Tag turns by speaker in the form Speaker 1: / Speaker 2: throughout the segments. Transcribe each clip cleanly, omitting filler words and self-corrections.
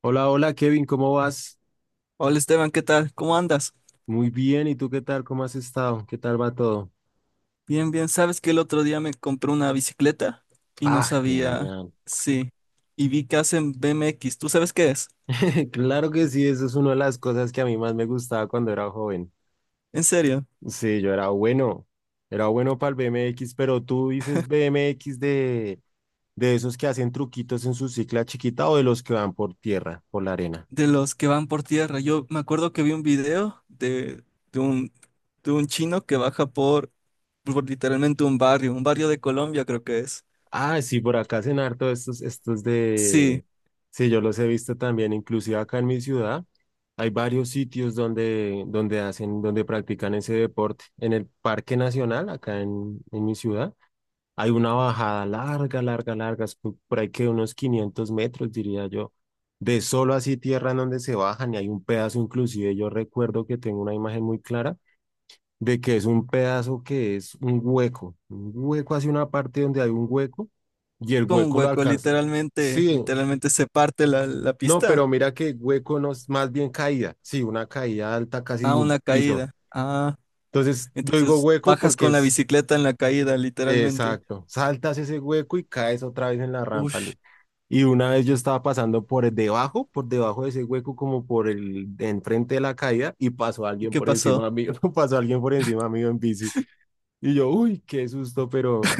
Speaker 1: Hola, hola Kevin, ¿cómo vas?
Speaker 2: Hola Esteban, ¿qué tal? ¿Cómo andas?
Speaker 1: Muy bien, ¿y tú qué tal? ¿Cómo has estado? ¿Qué tal va todo?
Speaker 2: Bien, bien. ¿Sabes que el otro día me compré una bicicleta y no
Speaker 1: Ah,
Speaker 2: sabía?
Speaker 1: genial.
Speaker 2: Sí. Y vi que hacen BMX. ¿Tú sabes qué es?
Speaker 1: Claro que sí, eso es una de las cosas que a mí más me gustaba cuando era joven.
Speaker 2: En serio,
Speaker 1: Sí, yo era bueno para el BMX, pero tú dices BMX de esos que hacen truquitos en su cicla chiquita o de los que van por tierra, por la arena.
Speaker 2: de los que van por tierra. Yo me acuerdo que vi un video de un, de un chino que baja por literalmente un barrio de Colombia creo que es.
Speaker 1: Ah, sí, por acá hacen harto estos de...
Speaker 2: Sí,
Speaker 1: Sí, yo los he visto también, inclusive acá en mi ciudad. Hay varios sitios donde, donde hacen, donde practican ese deporte. En el Parque Nacional, acá en mi ciudad, hay una bajada larga, larga, larga, es por ahí que unos 500 metros, diría yo, de solo así tierra en donde se bajan y hay un pedazo, inclusive yo recuerdo que tengo una imagen muy clara de que es un pedazo que es un hueco hacia una parte donde hay un hueco y el
Speaker 2: como un
Speaker 1: hueco lo
Speaker 2: hueco,
Speaker 1: alcanza.
Speaker 2: literalmente,
Speaker 1: Sí,
Speaker 2: literalmente se parte la
Speaker 1: no, pero
Speaker 2: pista.
Speaker 1: mira que hueco no es más bien caída, sí, una caída alta casi de
Speaker 2: Ah,
Speaker 1: un
Speaker 2: una
Speaker 1: piso.
Speaker 2: caída.
Speaker 1: Entonces yo digo
Speaker 2: Entonces
Speaker 1: hueco
Speaker 2: bajas
Speaker 1: porque
Speaker 2: con la
Speaker 1: es
Speaker 2: bicicleta en la caída, literalmente.
Speaker 1: exacto, saltas ese hueco y caes otra vez en la rampa.
Speaker 2: Ush,
Speaker 1: Y una vez yo estaba pasando por debajo de ese hueco, como por el de enfrente de la caída, y pasó
Speaker 2: ¿y
Speaker 1: alguien
Speaker 2: qué
Speaker 1: por
Speaker 2: pasó?
Speaker 1: encima mío, pasó alguien por encima mío en bici. Y yo, uy, qué susto, pero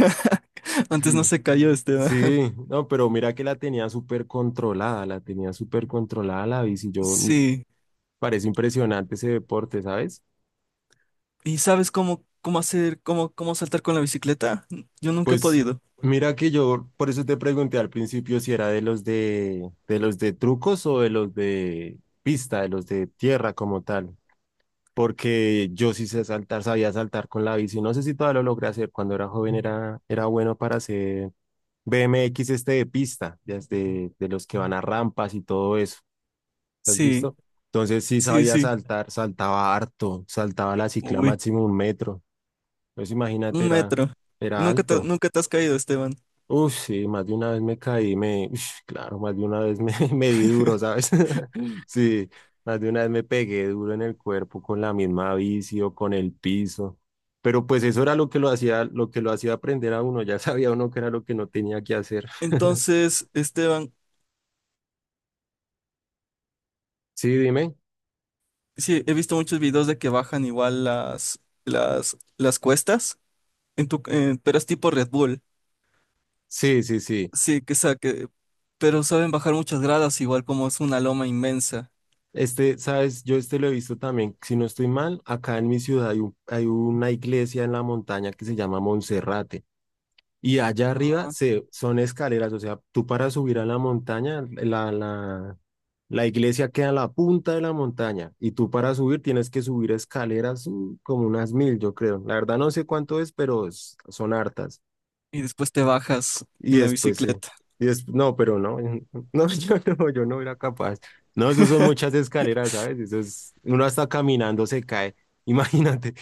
Speaker 1: sí,
Speaker 2: Antes no se cayó Esteban.
Speaker 1: sí, no, pero mira que la tenía súper controlada, la tenía súper controlada la bici. Yo mm,
Speaker 2: Sí.
Speaker 1: parece impresionante ese deporte, ¿sabes?
Speaker 2: ¿Y sabes cómo saltar con la bicicleta? Yo nunca he
Speaker 1: Pues
Speaker 2: podido.
Speaker 1: mira que yo, por eso te pregunté al principio si era de los de, trucos o de los de pista, de los de tierra como tal. Porque yo sí sé saltar, sabía saltar con la bici. No sé si todavía lo logré hacer. Cuando era joven era bueno para hacer BMX este de pista, de los que van a rampas y todo eso. ¿Has
Speaker 2: Sí,
Speaker 1: visto? Entonces sí
Speaker 2: sí,
Speaker 1: sabía
Speaker 2: sí.
Speaker 1: saltar, saltaba harto, saltaba la cicla
Speaker 2: Uy,
Speaker 1: máximo 1 metro. Entonces imagínate,
Speaker 2: un
Speaker 1: era,
Speaker 2: metro. Y
Speaker 1: era
Speaker 2: nunca te,
Speaker 1: alto.
Speaker 2: nunca te has caído, Esteban.
Speaker 1: Uf, sí, más de una vez me caí, me, ush, claro, más de una vez me, me di duro, ¿sabes? Sí, más de una vez me pegué duro en el cuerpo con la misma bici o con el piso. Pero pues eso era lo que lo hacía, lo que lo hacía aprender a uno, ya sabía uno que era lo que no tenía que hacer.
Speaker 2: Entonces, Esteban,
Speaker 1: Sí, dime.
Speaker 2: sí, he visto muchos videos de que bajan igual las cuestas, en tu, pero es tipo Red Bull.
Speaker 1: Sí, sí, sí.
Speaker 2: Sí, pero saben bajar muchas gradas igual como es una loma inmensa.
Speaker 1: Este, sabes, yo este lo he visto también, si no estoy mal, acá en mi ciudad hay una iglesia en la montaña que se llama Monserrate y allá arriba son escaleras, o sea, tú para subir a la montaña, la iglesia queda en la punta de la montaña y tú para subir tienes que subir escaleras como unas 1000, yo creo. La verdad no sé cuánto es, pero son hartas.
Speaker 2: Y después te bajas
Speaker 1: Y
Speaker 2: en la
Speaker 1: después sí.
Speaker 2: bicicleta.
Speaker 1: Y después, no, pero no, no, yo no era capaz. No, eso son muchas escaleras, ¿sabes? Eso es, uno hasta caminando se cae, imagínate.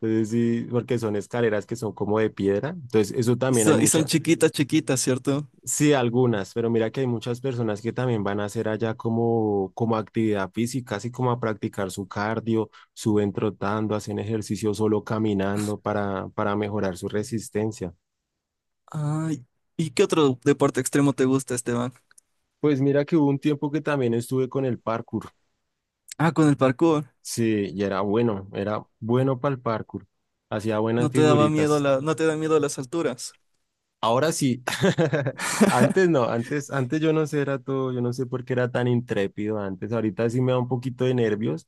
Speaker 1: Entonces sí, porque son escaleras que son como de piedra. Entonces eso
Speaker 2: Y,
Speaker 1: también hay
Speaker 2: ¿y son
Speaker 1: muchas,
Speaker 2: chiquitas, chiquitas, cierto?
Speaker 1: sí, algunas, pero mira que hay muchas personas que también van a hacer allá como actividad física, así como a practicar su cardio, suben trotando, hacen ejercicio solo caminando para mejorar su resistencia.
Speaker 2: Ay, ¿y qué otro deporte extremo te gusta, Esteban?
Speaker 1: Pues mira que hubo un tiempo que también estuve con el parkour.
Speaker 2: Ah, con el parkour.
Speaker 1: Sí, y era bueno para el parkour. Hacía buenas
Speaker 2: No te daba miedo
Speaker 1: figuritas.
Speaker 2: la, no te da miedo las alturas.
Speaker 1: Ahora sí. Antes no, antes yo no sé, era todo, yo no sé por qué era tan intrépido antes. Ahorita sí me da un poquito de nervios,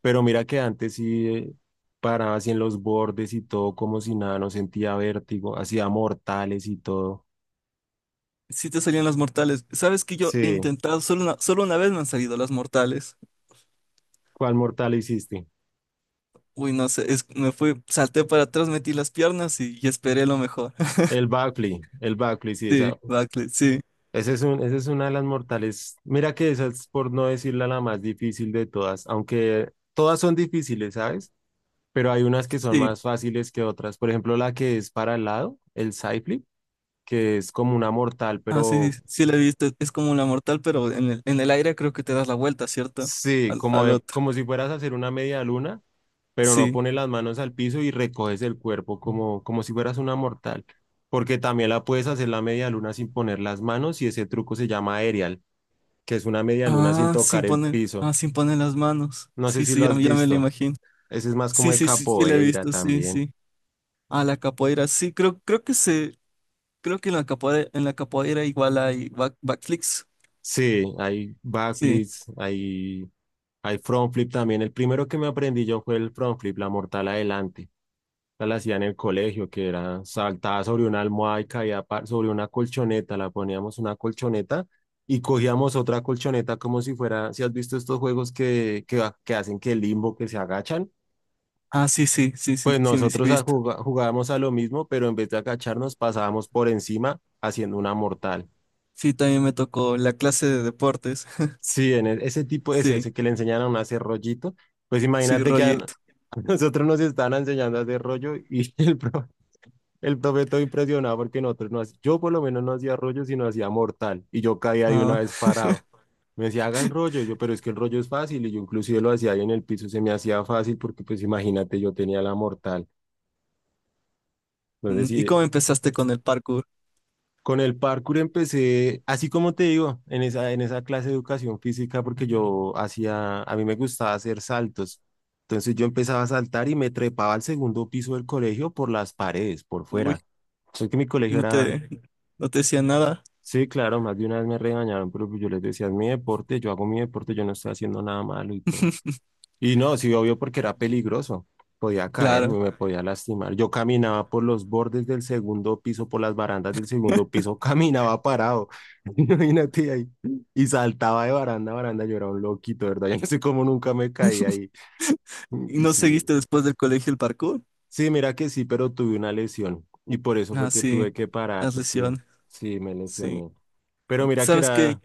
Speaker 1: pero mira que antes sí paraba así en los bordes y todo, como si nada, no sentía vértigo, hacía mortales y todo.
Speaker 2: Sí te salían las mortales. ¿Sabes que yo he
Speaker 1: Sí,
Speaker 2: intentado? Solo una vez me han salido las mortales.
Speaker 1: ¿cuál mortal hiciste?
Speaker 2: Uy, no sé, me fui, salté para atrás, metí las piernas y esperé lo mejor.
Speaker 1: El backflip, sí, esa,
Speaker 2: Sí, backflip, sí,
Speaker 1: Esa es una de las mortales. Mira que esa es, por no decirla, la más difícil de todas, aunque todas son difíciles, ¿sabes? Pero hay unas que son
Speaker 2: sí.
Speaker 1: más fáciles que otras. Por ejemplo, la que es para el lado, el side flip, que es como una mortal,
Speaker 2: Ah, sí,
Speaker 1: pero
Speaker 2: sí, sí la he visto. Es como la mortal, pero en el aire creo que te das la vuelta, ¿cierto?
Speaker 1: sí,
Speaker 2: Al,
Speaker 1: como,
Speaker 2: al otro.
Speaker 1: como si fueras a hacer una media luna, pero no
Speaker 2: Sí.
Speaker 1: pones las manos al piso y recoges el cuerpo como si fueras una mortal. Porque también la puedes hacer la media luna sin poner las manos y ese truco se llama aerial, que es una media luna sin tocar el piso.
Speaker 2: Sin poner las manos.
Speaker 1: No sé
Speaker 2: Sí,
Speaker 1: si
Speaker 2: sí,
Speaker 1: lo has
Speaker 2: ya me lo
Speaker 1: visto.
Speaker 2: imagino.
Speaker 1: Ese es más como
Speaker 2: Sí,
Speaker 1: de
Speaker 2: sí, sí, sí, la he
Speaker 1: capoeira
Speaker 2: visto, sí,
Speaker 1: también.
Speaker 2: sí. Ah, la capoeira, sí, creo que en la capoeira igual hay back, backflips.
Speaker 1: Sí, hay
Speaker 2: Sí.
Speaker 1: backflips, hay front flip también. El primero que me aprendí yo fue el front flip, la mortal adelante. Esa la hacía en el colegio, que era saltaba sobre una almohada y caía sobre una colchoneta. La poníamos una colchoneta y cogíamos otra colchoneta como si fuera, si has visto estos juegos que hacen que limbo, que se agachan.
Speaker 2: Ah, sí, sí, sí, sí,
Speaker 1: Pues
Speaker 2: sí, sí, sí he
Speaker 1: nosotros
Speaker 2: visto.
Speaker 1: jugábamos a lo mismo, pero en vez de agacharnos pasábamos por encima haciendo una mortal.
Speaker 2: Sí, también me tocó la clase de deportes.
Speaker 1: Sí, en ese tipo, ese,
Speaker 2: Sí,
Speaker 1: ese que le enseñaron a hacer rollito, pues
Speaker 2: sí,
Speaker 1: imagínate que
Speaker 2: rollito.
Speaker 1: a nosotros nos estaban enseñando a hacer rollo y el profe todo impresionado porque nosotros no hacíamos, yo por lo menos no hacía rollo, sino hacía mortal y yo caía de una
Speaker 2: Ah,
Speaker 1: vez parado. Me decía, haga el rollo, y yo, pero es que el rollo es fácil y yo inclusive lo hacía ahí en el piso, se me hacía fácil porque pues imagínate, yo tenía la mortal. Entonces
Speaker 2: mm, ¿y
Speaker 1: sí.
Speaker 2: cómo empezaste con el parkour?
Speaker 1: Con el parkour empecé, así como te digo, en esa clase de educación física, porque yo hacía, a mí me gustaba hacer saltos. Entonces yo empezaba a saltar y me trepaba al segundo piso del colegio por las paredes, por
Speaker 2: Uy,
Speaker 1: fuera. Sé que mi
Speaker 2: ¿y
Speaker 1: colegio
Speaker 2: no
Speaker 1: era,
Speaker 2: te decía nada?
Speaker 1: sí, claro, más de una vez me regañaron, pero pues yo les decía, es mi deporte, yo hago mi deporte, yo no estoy haciendo nada malo y todo. Y no, sí, obvio, porque era peligroso. Podía caerme,
Speaker 2: Claro.
Speaker 1: me podía lastimar. Yo caminaba por los bordes del segundo piso, por las barandas del segundo piso, caminaba parado. Imagínate ahí. Y saltaba de baranda a baranda. Yo era un loquito, de ¿verdad? Yo no sé cómo nunca me caí ahí.
Speaker 2: ¿Y
Speaker 1: Mm,
Speaker 2: no seguiste
Speaker 1: sí.
Speaker 2: después del colegio el parkour?
Speaker 1: Sí, mira que sí, pero tuve una lesión. Y por eso
Speaker 2: Ah,
Speaker 1: fue que
Speaker 2: sí,
Speaker 1: tuve que parar,
Speaker 2: las
Speaker 1: porque
Speaker 2: lesiones.
Speaker 1: sí, me
Speaker 2: Sí.
Speaker 1: lesioné. Pero mira que
Speaker 2: Sabes que
Speaker 1: era,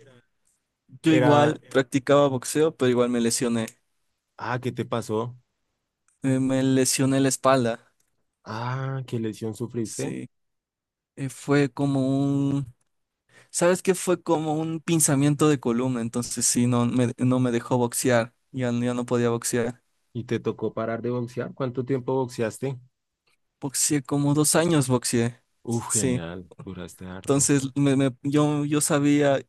Speaker 2: yo
Speaker 1: era,
Speaker 2: igual practicaba boxeo, pero igual me lesioné.
Speaker 1: ah, ¿qué te pasó?
Speaker 2: Me lesioné la espalda.
Speaker 1: Ah, ¿qué lesión sufriste?
Speaker 2: Sí. Eh, fue como un, ¿Sabes qué? Fue como un pinzamiento de columna. Entonces sí, no me dejó boxear. Ya no podía boxear.
Speaker 1: ¿Y te tocó parar de boxear? ¿Cuánto tiempo boxeaste?
Speaker 2: Boxeé como 2 años, boxeé.
Speaker 1: Uf,
Speaker 2: Sí.
Speaker 1: genial, duraste harto.
Speaker 2: Entonces yo sabía,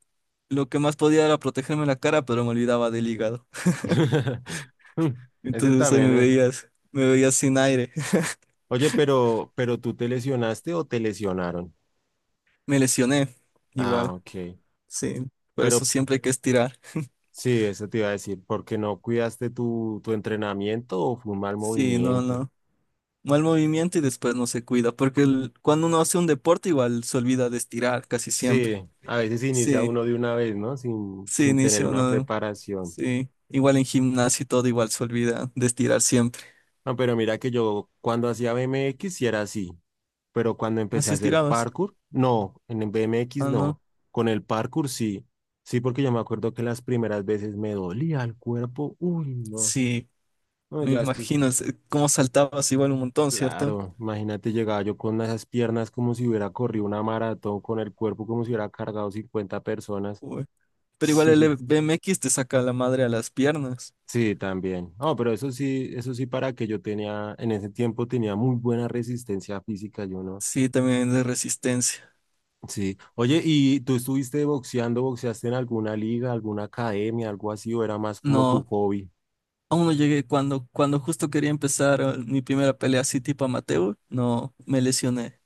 Speaker 2: lo que más podía era protegerme la cara, pero me olvidaba del hígado.
Speaker 1: Mm, Ese
Speaker 2: Entonces ahí
Speaker 1: también es.
Speaker 2: me veías sin aire.
Speaker 1: Oye, pero ¿tú te lesionaste o te lesionaron?
Speaker 2: Me lesioné
Speaker 1: Ah,
Speaker 2: igual.
Speaker 1: ok.
Speaker 2: Sí. Por eso
Speaker 1: Pero
Speaker 2: siempre hay que estirar.
Speaker 1: sí, eso te iba a decir, porque no cuidaste tu entrenamiento o fue un mal
Speaker 2: Sí, no,
Speaker 1: movimiento.
Speaker 2: no. Mal movimiento y después no se cuida, porque cuando uno hace un deporte igual se olvida de estirar casi siempre.
Speaker 1: Sí, a veces inicia
Speaker 2: Sí,
Speaker 1: uno de una vez, ¿no? Sin,
Speaker 2: sí,
Speaker 1: sin tener
Speaker 2: inicia
Speaker 1: una
Speaker 2: uno,
Speaker 1: preparación.
Speaker 2: sí. Igual en gimnasio y todo igual se olvida de estirar siempre.
Speaker 1: No, pero mira que yo cuando hacía BMX sí era así, pero cuando empecé a
Speaker 2: Así
Speaker 1: hacer
Speaker 2: estirabas.
Speaker 1: parkour, no, en el BMX
Speaker 2: Ah, no.
Speaker 1: no, con el parkour sí, sí, porque yo me acuerdo que las primeras veces me dolía el cuerpo, uy, no,
Speaker 2: Sí,
Speaker 1: no,
Speaker 2: me
Speaker 1: ya después,
Speaker 2: imagino cómo saltabas igual un montón, ¿cierto?
Speaker 1: claro, imagínate, llegaba yo con esas piernas como si hubiera corrido una maratón, con el cuerpo como si hubiera cargado 50 personas,
Speaker 2: Uy. Pero igual el
Speaker 1: sí,
Speaker 2: BMX te saca la madre a las piernas.
Speaker 1: sí, también, no, pero eso sí para que yo tenía, en ese tiempo tenía muy buena resistencia física, yo no.
Speaker 2: Sí, también de resistencia.
Speaker 1: Sí. Oye, ¿y tú estuviste boxeando, boxeaste en alguna liga, alguna academia, algo así, o era más como tu
Speaker 2: No.
Speaker 1: hobby?
Speaker 2: Aún no llegué cuando justo quería empezar mi primera pelea así tipo amateur, no me lesioné.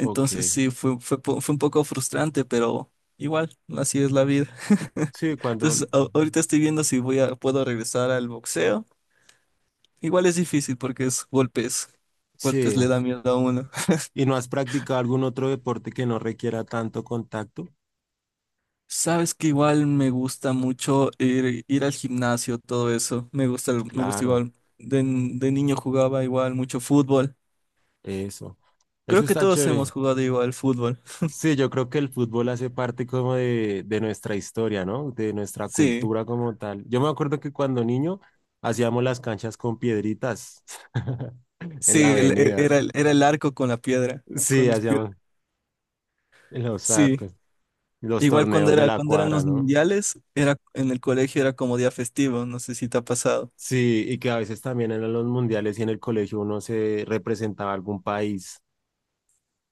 Speaker 1: Ok.
Speaker 2: sí, fue un poco frustrante, pero igual, así es la vida.
Speaker 1: Sí, cuando...
Speaker 2: Entonces ahorita estoy viendo si puedo regresar al boxeo. Igual es difícil porque es golpes, golpes
Speaker 1: Sí.
Speaker 2: le da miedo a uno.
Speaker 1: ¿Y no has practicado algún otro deporte que no requiera tanto contacto?
Speaker 2: Sabes que igual me gusta mucho ir al gimnasio, todo eso. Me gusta, me gusta
Speaker 1: Claro,
Speaker 2: igual. De, de niño jugaba igual mucho fútbol.
Speaker 1: eso.
Speaker 2: Creo
Speaker 1: Eso
Speaker 2: que
Speaker 1: está
Speaker 2: todos
Speaker 1: chévere.
Speaker 2: hemos jugado igual fútbol.
Speaker 1: Sí, yo creo que el fútbol hace parte como de, nuestra historia, ¿no? De nuestra
Speaker 2: Sí,
Speaker 1: cultura como tal. Yo me acuerdo que cuando niño hacíamos las canchas con piedritas en la
Speaker 2: sí,
Speaker 1: avenida.
Speaker 2: era el arco con la piedra, con
Speaker 1: Sí,
Speaker 2: las piedras.
Speaker 1: hacíamos. Los
Speaker 2: Sí.
Speaker 1: arcos, los
Speaker 2: Igual
Speaker 1: torneos de la
Speaker 2: cuando eran
Speaker 1: cuadra,
Speaker 2: los
Speaker 1: ¿no?
Speaker 2: mundiales, era en el colegio era como día festivo, no sé si te ha pasado.
Speaker 1: Sí, y que a veces también en los mundiales y en el colegio uno se representaba algún país.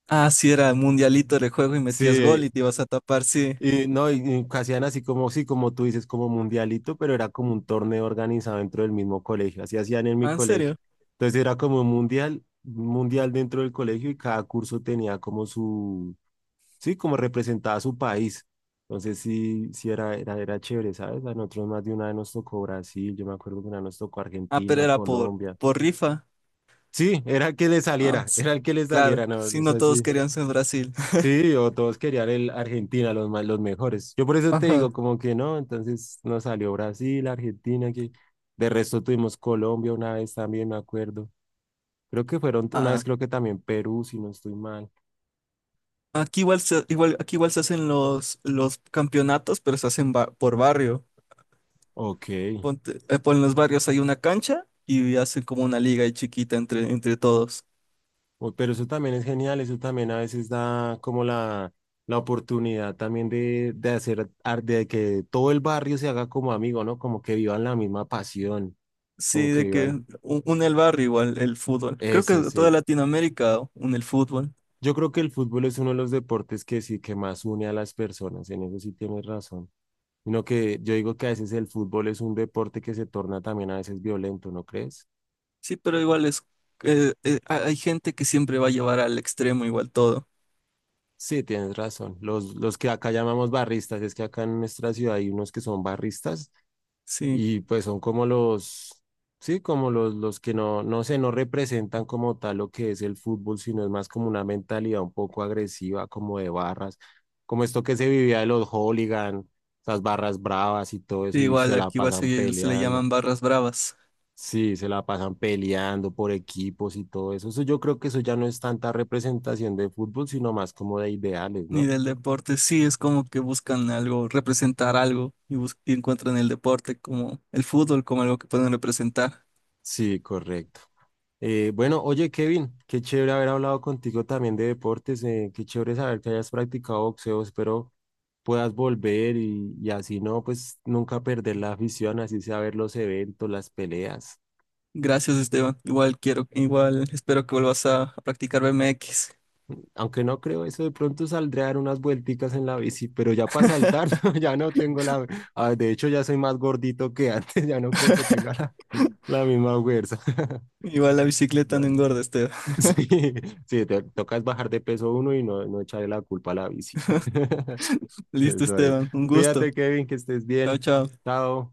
Speaker 2: Ah, sí, era mundialito de juego y metías gol
Speaker 1: Sí,
Speaker 2: y te ibas a tapar, sí.
Speaker 1: y no, y hacían así como, sí, como tú dices, como mundialito, pero era como un torneo organizado dentro del mismo colegio, así hacían en mi
Speaker 2: Ah, ¿en
Speaker 1: colegio.
Speaker 2: serio?
Speaker 1: Entonces era como un mundial dentro del colegio y cada curso tenía como su, sí, como representaba a su país. Entonces sí, sí era, era chévere, ¿sabes? A nosotros más de una vez nos tocó Brasil, yo me acuerdo que una vez nos tocó
Speaker 2: Ah, pero
Speaker 1: Argentina,
Speaker 2: era
Speaker 1: Colombia.
Speaker 2: por rifa.
Speaker 1: Sí, era el que le
Speaker 2: Ah,
Speaker 1: saliera,
Speaker 2: sí,
Speaker 1: era el que les
Speaker 2: claro,
Speaker 1: saliera, no,
Speaker 2: si no
Speaker 1: eso
Speaker 2: todos
Speaker 1: sí.
Speaker 2: querían ser Brasil.
Speaker 1: Sí, o todos querían el Argentina, los más, los mejores. Yo por eso te digo,
Speaker 2: Ajá.
Speaker 1: como que no, entonces nos salió Brasil, Argentina, que de resto tuvimos Colombia una vez también, me acuerdo. Creo que fueron, una
Speaker 2: Ah,
Speaker 1: vez creo que también Perú, si no estoy mal.
Speaker 2: aquí aquí igual se hacen los campeonatos, pero se hacen por barrio.
Speaker 1: Ok.
Speaker 2: Ponte, por los barrios hay una cancha y hacen como una liga ahí chiquita entre, entre todos.
Speaker 1: Uy, pero eso también es genial, eso también a veces da como la oportunidad también de hacer, de que todo el barrio se haga como amigo, ¿no? Como que vivan la misma pasión, como
Speaker 2: Sí,
Speaker 1: que
Speaker 2: de que
Speaker 1: vivan
Speaker 2: une el barrio igual el fútbol. Creo
Speaker 1: eso,
Speaker 2: que toda
Speaker 1: sí.
Speaker 2: Latinoamérica une el fútbol.
Speaker 1: Yo creo que el fútbol es uno de los deportes que sí, que más une a las personas, en eso sí tienes razón. Sino que yo digo que a veces el fútbol es un deporte que se torna también a veces violento, ¿no crees?
Speaker 2: Sí, pero igual es, hay gente que siempre va a llevar al extremo igual todo.
Speaker 1: Sí, tienes razón. Los que acá llamamos barristas, es que acá en nuestra ciudad hay unos que son barristas
Speaker 2: Sí,
Speaker 1: y pues son como los, sí, como los que no, no sé, no representan como tal lo que es el fútbol, sino es más como una mentalidad un poco agresiva, como de barras, como esto que se vivía de los hooligan, esas barras bravas y todo
Speaker 2: sí,
Speaker 1: eso, y se
Speaker 2: igual
Speaker 1: la
Speaker 2: aquí
Speaker 1: pasan
Speaker 2: se le
Speaker 1: peleando.
Speaker 2: llaman barras bravas.
Speaker 1: Sí, se la pasan peleando por equipos y todo eso. Eso yo creo que eso ya no es tanta representación de fútbol, sino más como de ideales,
Speaker 2: Ni
Speaker 1: ¿no?
Speaker 2: del deporte, sí, es como que buscan algo, representar algo y, y encuentran el deporte como el fútbol como algo que pueden representar.
Speaker 1: Sí, correcto. Bueno, oye Kevin, qué chévere haber hablado contigo también de deportes, qué chévere saber que hayas practicado boxeo, espero puedas volver y, así no, pues nunca perder la afición, así sea ver los eventos, las peleas.
Speaker 2: Gracias, Esteban. Igual quiero, igual espero que vuelvas a practicar BMX.
Speaker 1: Aunque no creo eso, de pronto saldré a dar unas vuelticas en la bici, pero ya para saltar, no, ya no tengo la... ah, de hecho, ya soy más gordito que antes, ya no creo que tenga la misma fuerza.
Speaker 2: Igual la bicicleta no
Speaker 1: Bueno,
Speaker 2: engorda, Esteban.
Speaker 1: sí, sí, te tocas bajar de peso uno y no, no echarle la culpa a la bici.
Speaker 2: Listo,
Speaker 1: Eso es.
Speaker 2: Esteban. Un gusto.
Speaker 1: Cuídate, Kevin, que estés
Speaker 2: Chao,
Speaker 1: bien.
Speaker 2: chao.
Speaker 1: Chao.